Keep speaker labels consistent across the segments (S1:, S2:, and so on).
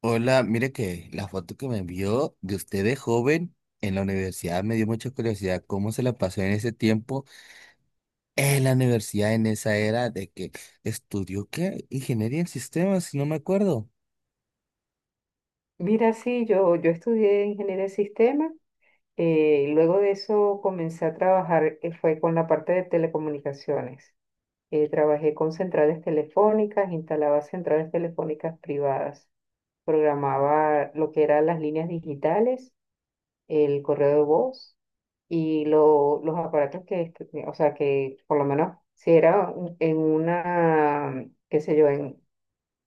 S1: Hola, mire que la foto que me envió de usted de joven en la universidad me dio mucha curiosidad cómo se la pasó en ese tiempo en la universidad, en esa era de que estudió qué, ingeniería en sistemas, si no me acuerdo.
S2: Mira, sí, yo estudié ingeniería de sistemas, y luego de eso comencé a trabajar, fue con la parte de telecomunicaciones. Trabajé con centrales telefónicas, instalaba centrales telefónicas privadas, programaba lo que eran las líneas digitales, el correo de voz y los aparatos que, o sea, que por lo menos si era en una, qué sé yo,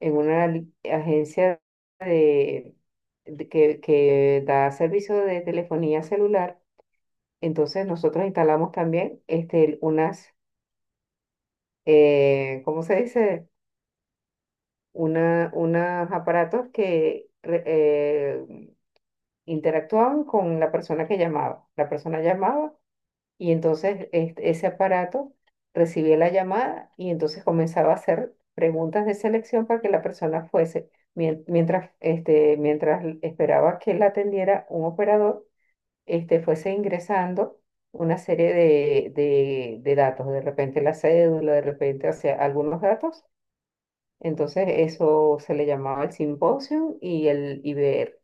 S2: en una agencia de, de que da servicio de telefonía celular. Entonces nosotros instalamos también este, unas, ¿cómo se dice? Una, unos aparatos que interactuaban con la persona que llamaba. La persona llamaba. Y entonces ese aparato recibía la llamada y entonces comenzaba a hacer preguntas de selección para que la persona fuese, mientras, este, mientras esperaba que la atendiera un operador, este, fuese ingresando una serie de datos, de repente la cédula, de repente, o sea, algunos datos. Entonces eso se le llamaba el simposio y el IBR,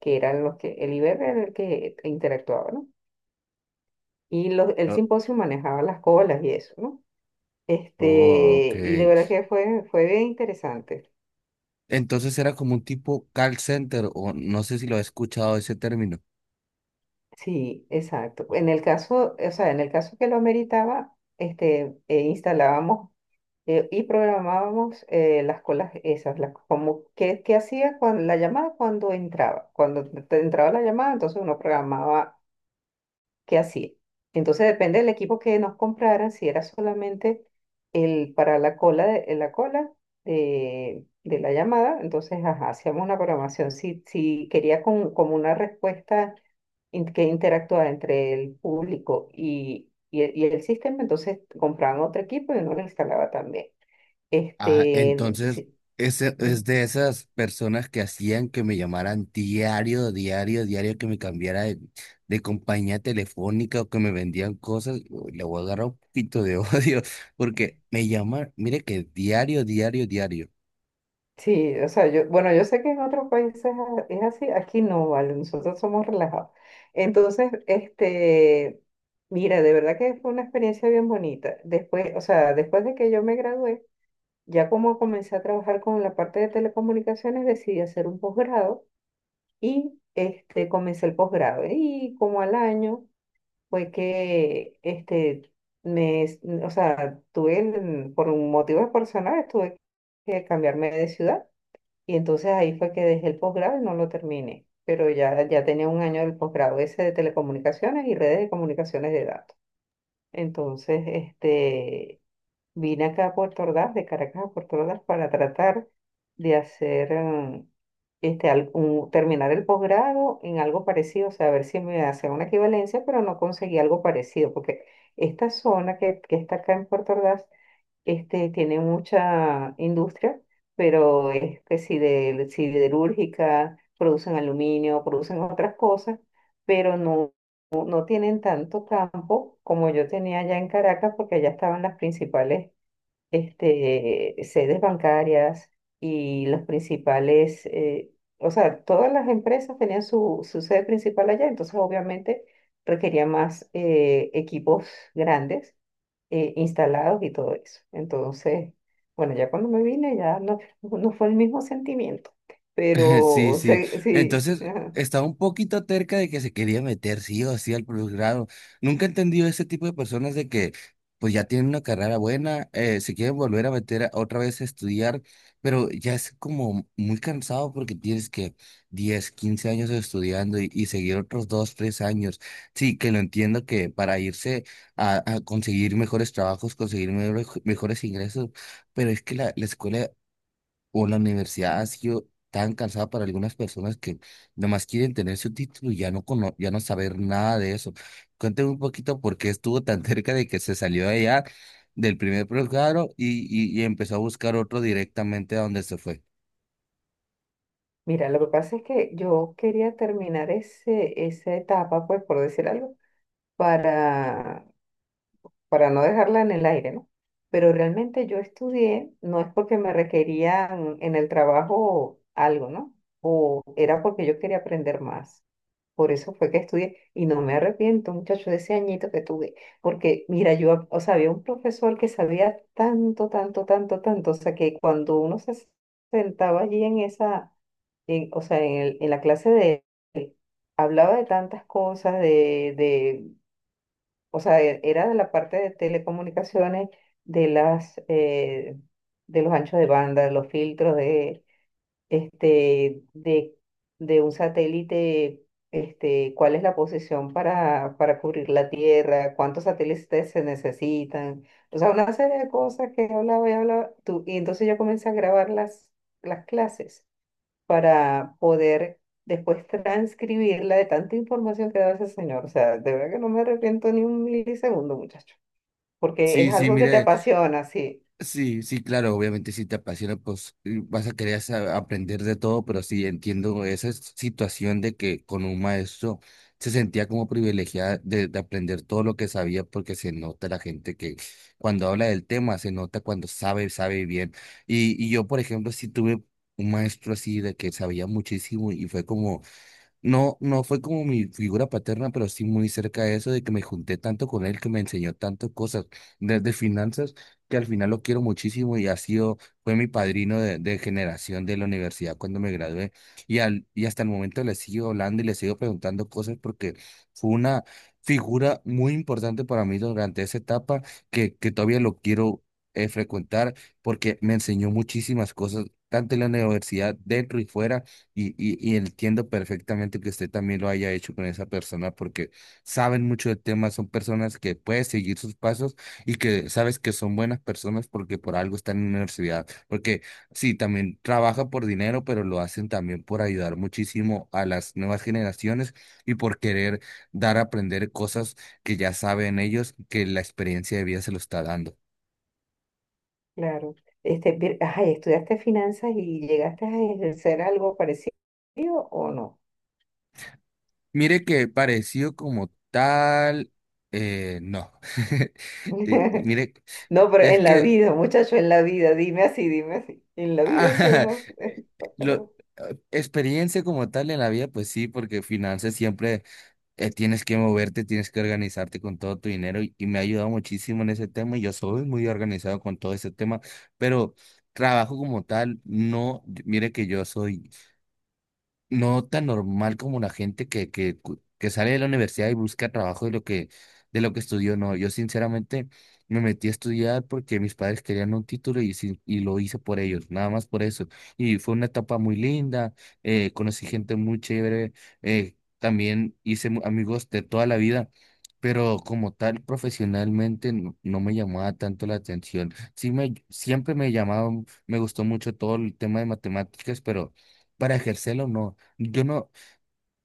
S2: que eran los que, el IBR era el que interactuaba, ¿no? Y el
S1: Oh,
S2: simposio manejaba las colas y eso, ¿no?
S1: oh, ok.
S2: Este, y de verdad que fue, fue bien interesante.
S1: Entonces era como un tipo call center, o no sé si lo he escuchado ese término.
S2: Sí, exacto. En el caso, o sea, en el caso que lo ameritaba, este, instalábamos y programábamos las colas esas, las, como qué, qué hacía cuando la llamada cuando entraba. Cuando te entraba la llamada, entonces uno programaba que hacía. Entonces depende del equipo que nos compraran, si era solamente el para la cola de la llamada, entonces ajá, hacíamos una programación. Si, si quería con, como una respuesta que interactuara entre el público y el sistema, entonces compraban otro equipo y uno lo instalaba también.
S1: Ah,
S2: Este,
S1: entonces,
S2: sí.
S1: ese, es de esas personas que hacían que me llamaran diario, diario, diario, que me cambiara de compañía telefónica o que me vendían cosas. Uy, le voy a agarrar un poquito de odio porque me llaman, mire que diario, diario, diario.
S2: Sí, o sea, yo, bueno, yo sé que en otros países es así, aquí no, vale, nosotros somos relajados. Entonces, este, mira, de verdad que fue una experiencia bien bonita. Después, o sea, después de que yo me gradué, ya como comencé a trabajar con la parte de telecomunicaciones, decidí hacer un posgrado y este, comencé el posgrado. Y como al año fue que, este, me, o sea, tuve, por motivos personales, tuve que cambiarme de ciudad. Y entonces ahí fue que dejé el posgrado y no lo terminé, pero ya, ya tenía un año del posgrado ese de telecomunicaciones y redes de comunicaciones de datos. Entonces, este, vine acá a Puerto Ordaz, de Caracas a Puerto Ordaz, para tratar de hacer, este, terminar el posgrado en algo parecido, o sea, a ver si me hacía una equivalencia, pero no conseguí algo parecido, porque esta zona que está acá en Puerto Ordaz, este, tiene mucha industria, pero es que si de siderúrgica, producen aluminio, producen otras cosas, pero no, no tienen tanto campo como yo tenía allá en Caracas, porque allá estaban las principales este, sedes bancarias y los principales, o sea, todas las empresas tenían su, su sede principal allá, entonces obviamente requería más equipos grandes instalados y todo eso. Entonces, bueno, ya cuando me vine ya no, no fue el mismo sentimiento,
S1: Sí,
S2: pero
S1: sí.
S2: sí, sí,
S1: Entonces,
S2: ajá.
S1: estaba un poquito terca de que se quería meter sí o sí al posgrado. Nunca he entendido ese tipo de personas de que, pues ya tienen una carrera buena, se quieren volver a meter otra vez a estudiar, pero ya es como muy cansado porque tienes que 10, 15 años estudiando y seguir otros 2, 3 años. Sí, que lo entiendo que para irse a conseguir mejores trabajos, conseguir mejores, mejores ingresos, pero es que la escuela o la universidad ha sido tan cansada para algunas personas que nomás quieren tener su título y ya no, ya no saber nada de eso. Cuéntame un poquito por qué estuvo tan cerca de que se salió de allá del primer programa y empezó a buscar otro directamente a donde se fue.
S2: Mira, lo que pasa es que yo quería terminar ese, esa etapa, pues por decir algo, para para no dejarla en el aire, ¿no? Pero realmente yo estudié, no es porque me requerían en el trabajo algo, ¿no? O era porque yo quería aprender más. Por eso fue que estudié y no me arrepiento, muchacho, de ese añito que tuve. Porque, mira, yo, o sea, había un profesor que sabía tanto, tanto, tanto, tanto, o sea, que cuando uno se sentaba allí en esa, o sea, en, en la clase de él, hablaba de tantas cosas, de, o sea, era de la parte de telecomunicaciones, de las, de los anchos de banda, de los filtros de, este, de un satélite, este, cuál es la posición para cubrir la Tierra, cuántos satélites se necesitan, o sea, una serie de cosas que hablaba y hablaba tú, y entonces yo comencé a grabar las clases para poder después transcribirla de tanta información que da ese señor. O sea, de verdad que no me arrepiento ni un milisegundo, muchacho, porque
S1: Sí,
S2: es
S1: sí,
S2: algo que te
S1: mire.
S2: apasiona, sí,
S1: Sí, sí, claro, obviamente si te apasiona, pues vas a querer aprender de todo, pero sí entiendo esa situación de que con un maestro se sentía como privilegiada de aprender todo lo que sabía, porque se nota la gente que cuando habla del tema, se nota cuando sabe, sabe bien. Y yo, por ejemplo, sí tuve un maestro así de que sabía muchísimo y fue como no, no fue como mi figura paterna, pero sí muy cerca de eso, de que me junté tanto con él, que me enseñó tantas cosas, desde finanzas, que al final lo quiero muchísimo y ha sido, fue mi padrino de generación de la universidad cuando me gradué. Y, al, y hasta el momento le sigo hablando y le sigo preguntando cosas porque fue una figura muy importante para mí durante esa etapa que todavía lo quiero frecuentar porque me enseñó muchísimas cosas, tanto en la universidad, dentro y fuera y entiendo perfectamente que usted también lo haya hecho con esa persona porque saben mucho del tema, son personas que puedes seguir sus pasos y que sabes que son buenas personas porque por algo están en la universidad. Porque sí, también trabaja por dinero, pero lo hacen también por ayudar muchísimo a las nuevas generaciones y por querer dar a aprender cosas que ya saben ellos que la experiencia de vida se lo está dando.
S2: claro. Este, ay, ¿estudiaste finanzas y llegaste a ejercer algo parecido o no?
S1: Mire que parecido como tal, no. Y mire,
S2: No, pero
S1: es
S2: en la
S1: que
S2: vida, muchacho, en la vida, dime así, dime así. En la vida es que
S1: ah,
S2: uno...
S1: eh, lo, experiencia como tal en la vida, pues sí, porque finanzas siempre tienes que moverte, tienes que organizarte con todo tu dinero y me ha ayudado muchísimo en ese tema y yo soy muy organizado con todo ese tema, pero trabajo como tal, no, mire que yo soy no tan normal como la gente que, que sale de la universidad y busca trabajo de lo que estudió. No, yo sinceramente me metí a estudiar porque mis padres querían un título y, y lo hice por ellos, nada más por eso. Y fue una etapa muy linda, conocí gente muy chévere, también hice amigos de toda la vida. Pero como tal, profesionalmente no, no me llamaba tanto la atención. Sí me, siempre me llamaba, me gustó mucho todo el tema de matemáticas, pero para ejercerlo no. Yo no,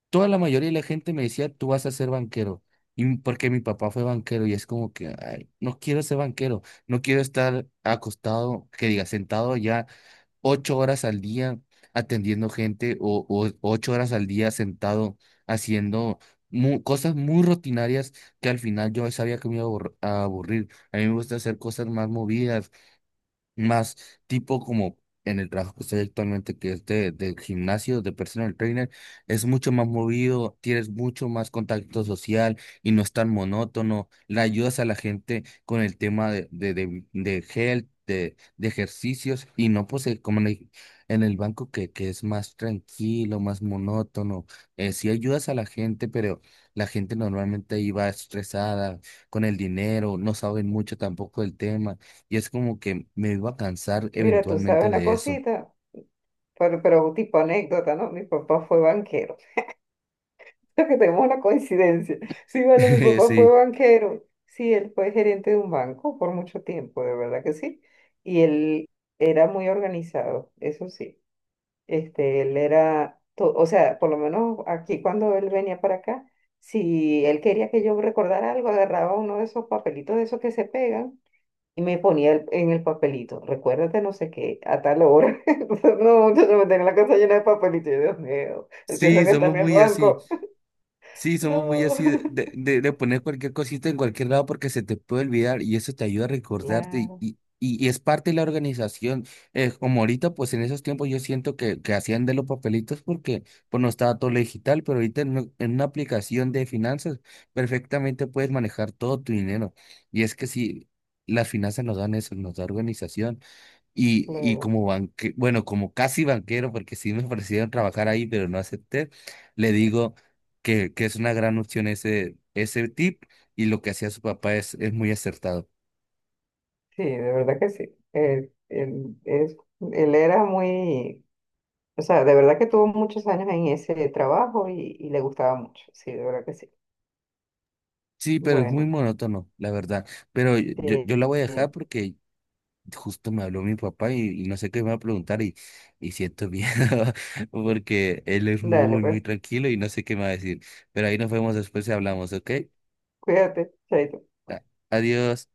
S1: toda la mayoría de la gente me decía, tú vas a ser banquero, y porque mi papá fue banquero y es como que, ay, no quiero ser banquero, no quiero estar acostado, que diga, sentado ya 8 horas al día atendiendo gente o 8 horas al día sentado haciendo cosas muy rutinarias que al final yo sabía que me iba a a aburrir. A mí me gusta hacer cosas más movidas, más tipo como en el trabajo que estoy actualmente, que es de, del gimnasio, de personal trainer, es mucho más movido, tienes mucho más contacto social y no es tan monótono, le ayudas a la gente con el tema de health, de ejercicios y no pues como en el banco que es más tranquilo, más monótono, sí ayudas a la gente, pero la gente normalmente ahí va estresada con el dinero, no saben mucho tampoco del tema. Y es como que me iba a cansar
S2: Mira, tú sabes
S1: eventualmente
S2: una
S1: de eso.
S2: cosita, pero tipo anécdota, ¿no? Mi papá fue banquero. Creo que tenemos una coincidencia. Sí, vale, mi papá fue
S1: Sí,
S2: banquero. Sí, él fue gerente de un banco por mucho tiempo, de verdad que sí. Y él era muy organizado, eso sí. Este, él era, o sea, por lo menos aquí cuando él venía para acá, si él quería que yo recordara algo, agarraba uno de esos papelitos de esos que se pegan y me ponía en el papelito, recuérdate no sé qué, a tal hora. Entonces, no, yo me tenía la casa llena de papelitos. Yo, Dios mío, él piensa
S1: sí,
S2: que está
S1: somos
S2: en el
S1: muy así.
S2: banco.
S1: Sí, somos muy
S2: No.
S1: así de, de poner cualquier cosita en cualquier lado porque se te puede olvidar y eso te ayuda a recordarte
S2: Claro,
S1: y, y es parte de la organización. Como ahorita, pues en esos tiempos yo siento que hacían de los papelitos porque pues no estaba todo lo digital, pero ahorita en, en una aplicación de finanzas perfectamente puedes manejar todo tu dinero. Y es que sí, las finanzas nos dan eso, nos da organización. Y
S2: claro.
S1: como banque, bueno, como casi banquero, porque sí me ofrecieron trabajar ahí, pero no acepté, le digo que es una gran opción ese, ese tip y lo que hacía su papá es muy acertado.
S2: Sí, de verdad que sí. Él es, él era muy, o sea, de verdad que tuvo muchos años en ese trabajo y le gustaba mucho. Sí, de verdad que sí.
S1: Sí, pero es muy
S2: Bueno,
S1: monótono, la verdad. Pero yo, yo
S2: sí,
S1: yo la voy a dejar
S2: sí.
S1: porque justo me habló mi papá y no sé qué me va a preguntar y siento miedo porque él es
S2: Dale,
S1: muy, muy
S2: pues,
S1: tranquilo y no sé qué me va a decir. Pero ahí nos vemos después y hablamos, ¿ok?
S2: cuídate, chaito.
S1: A- Adiós.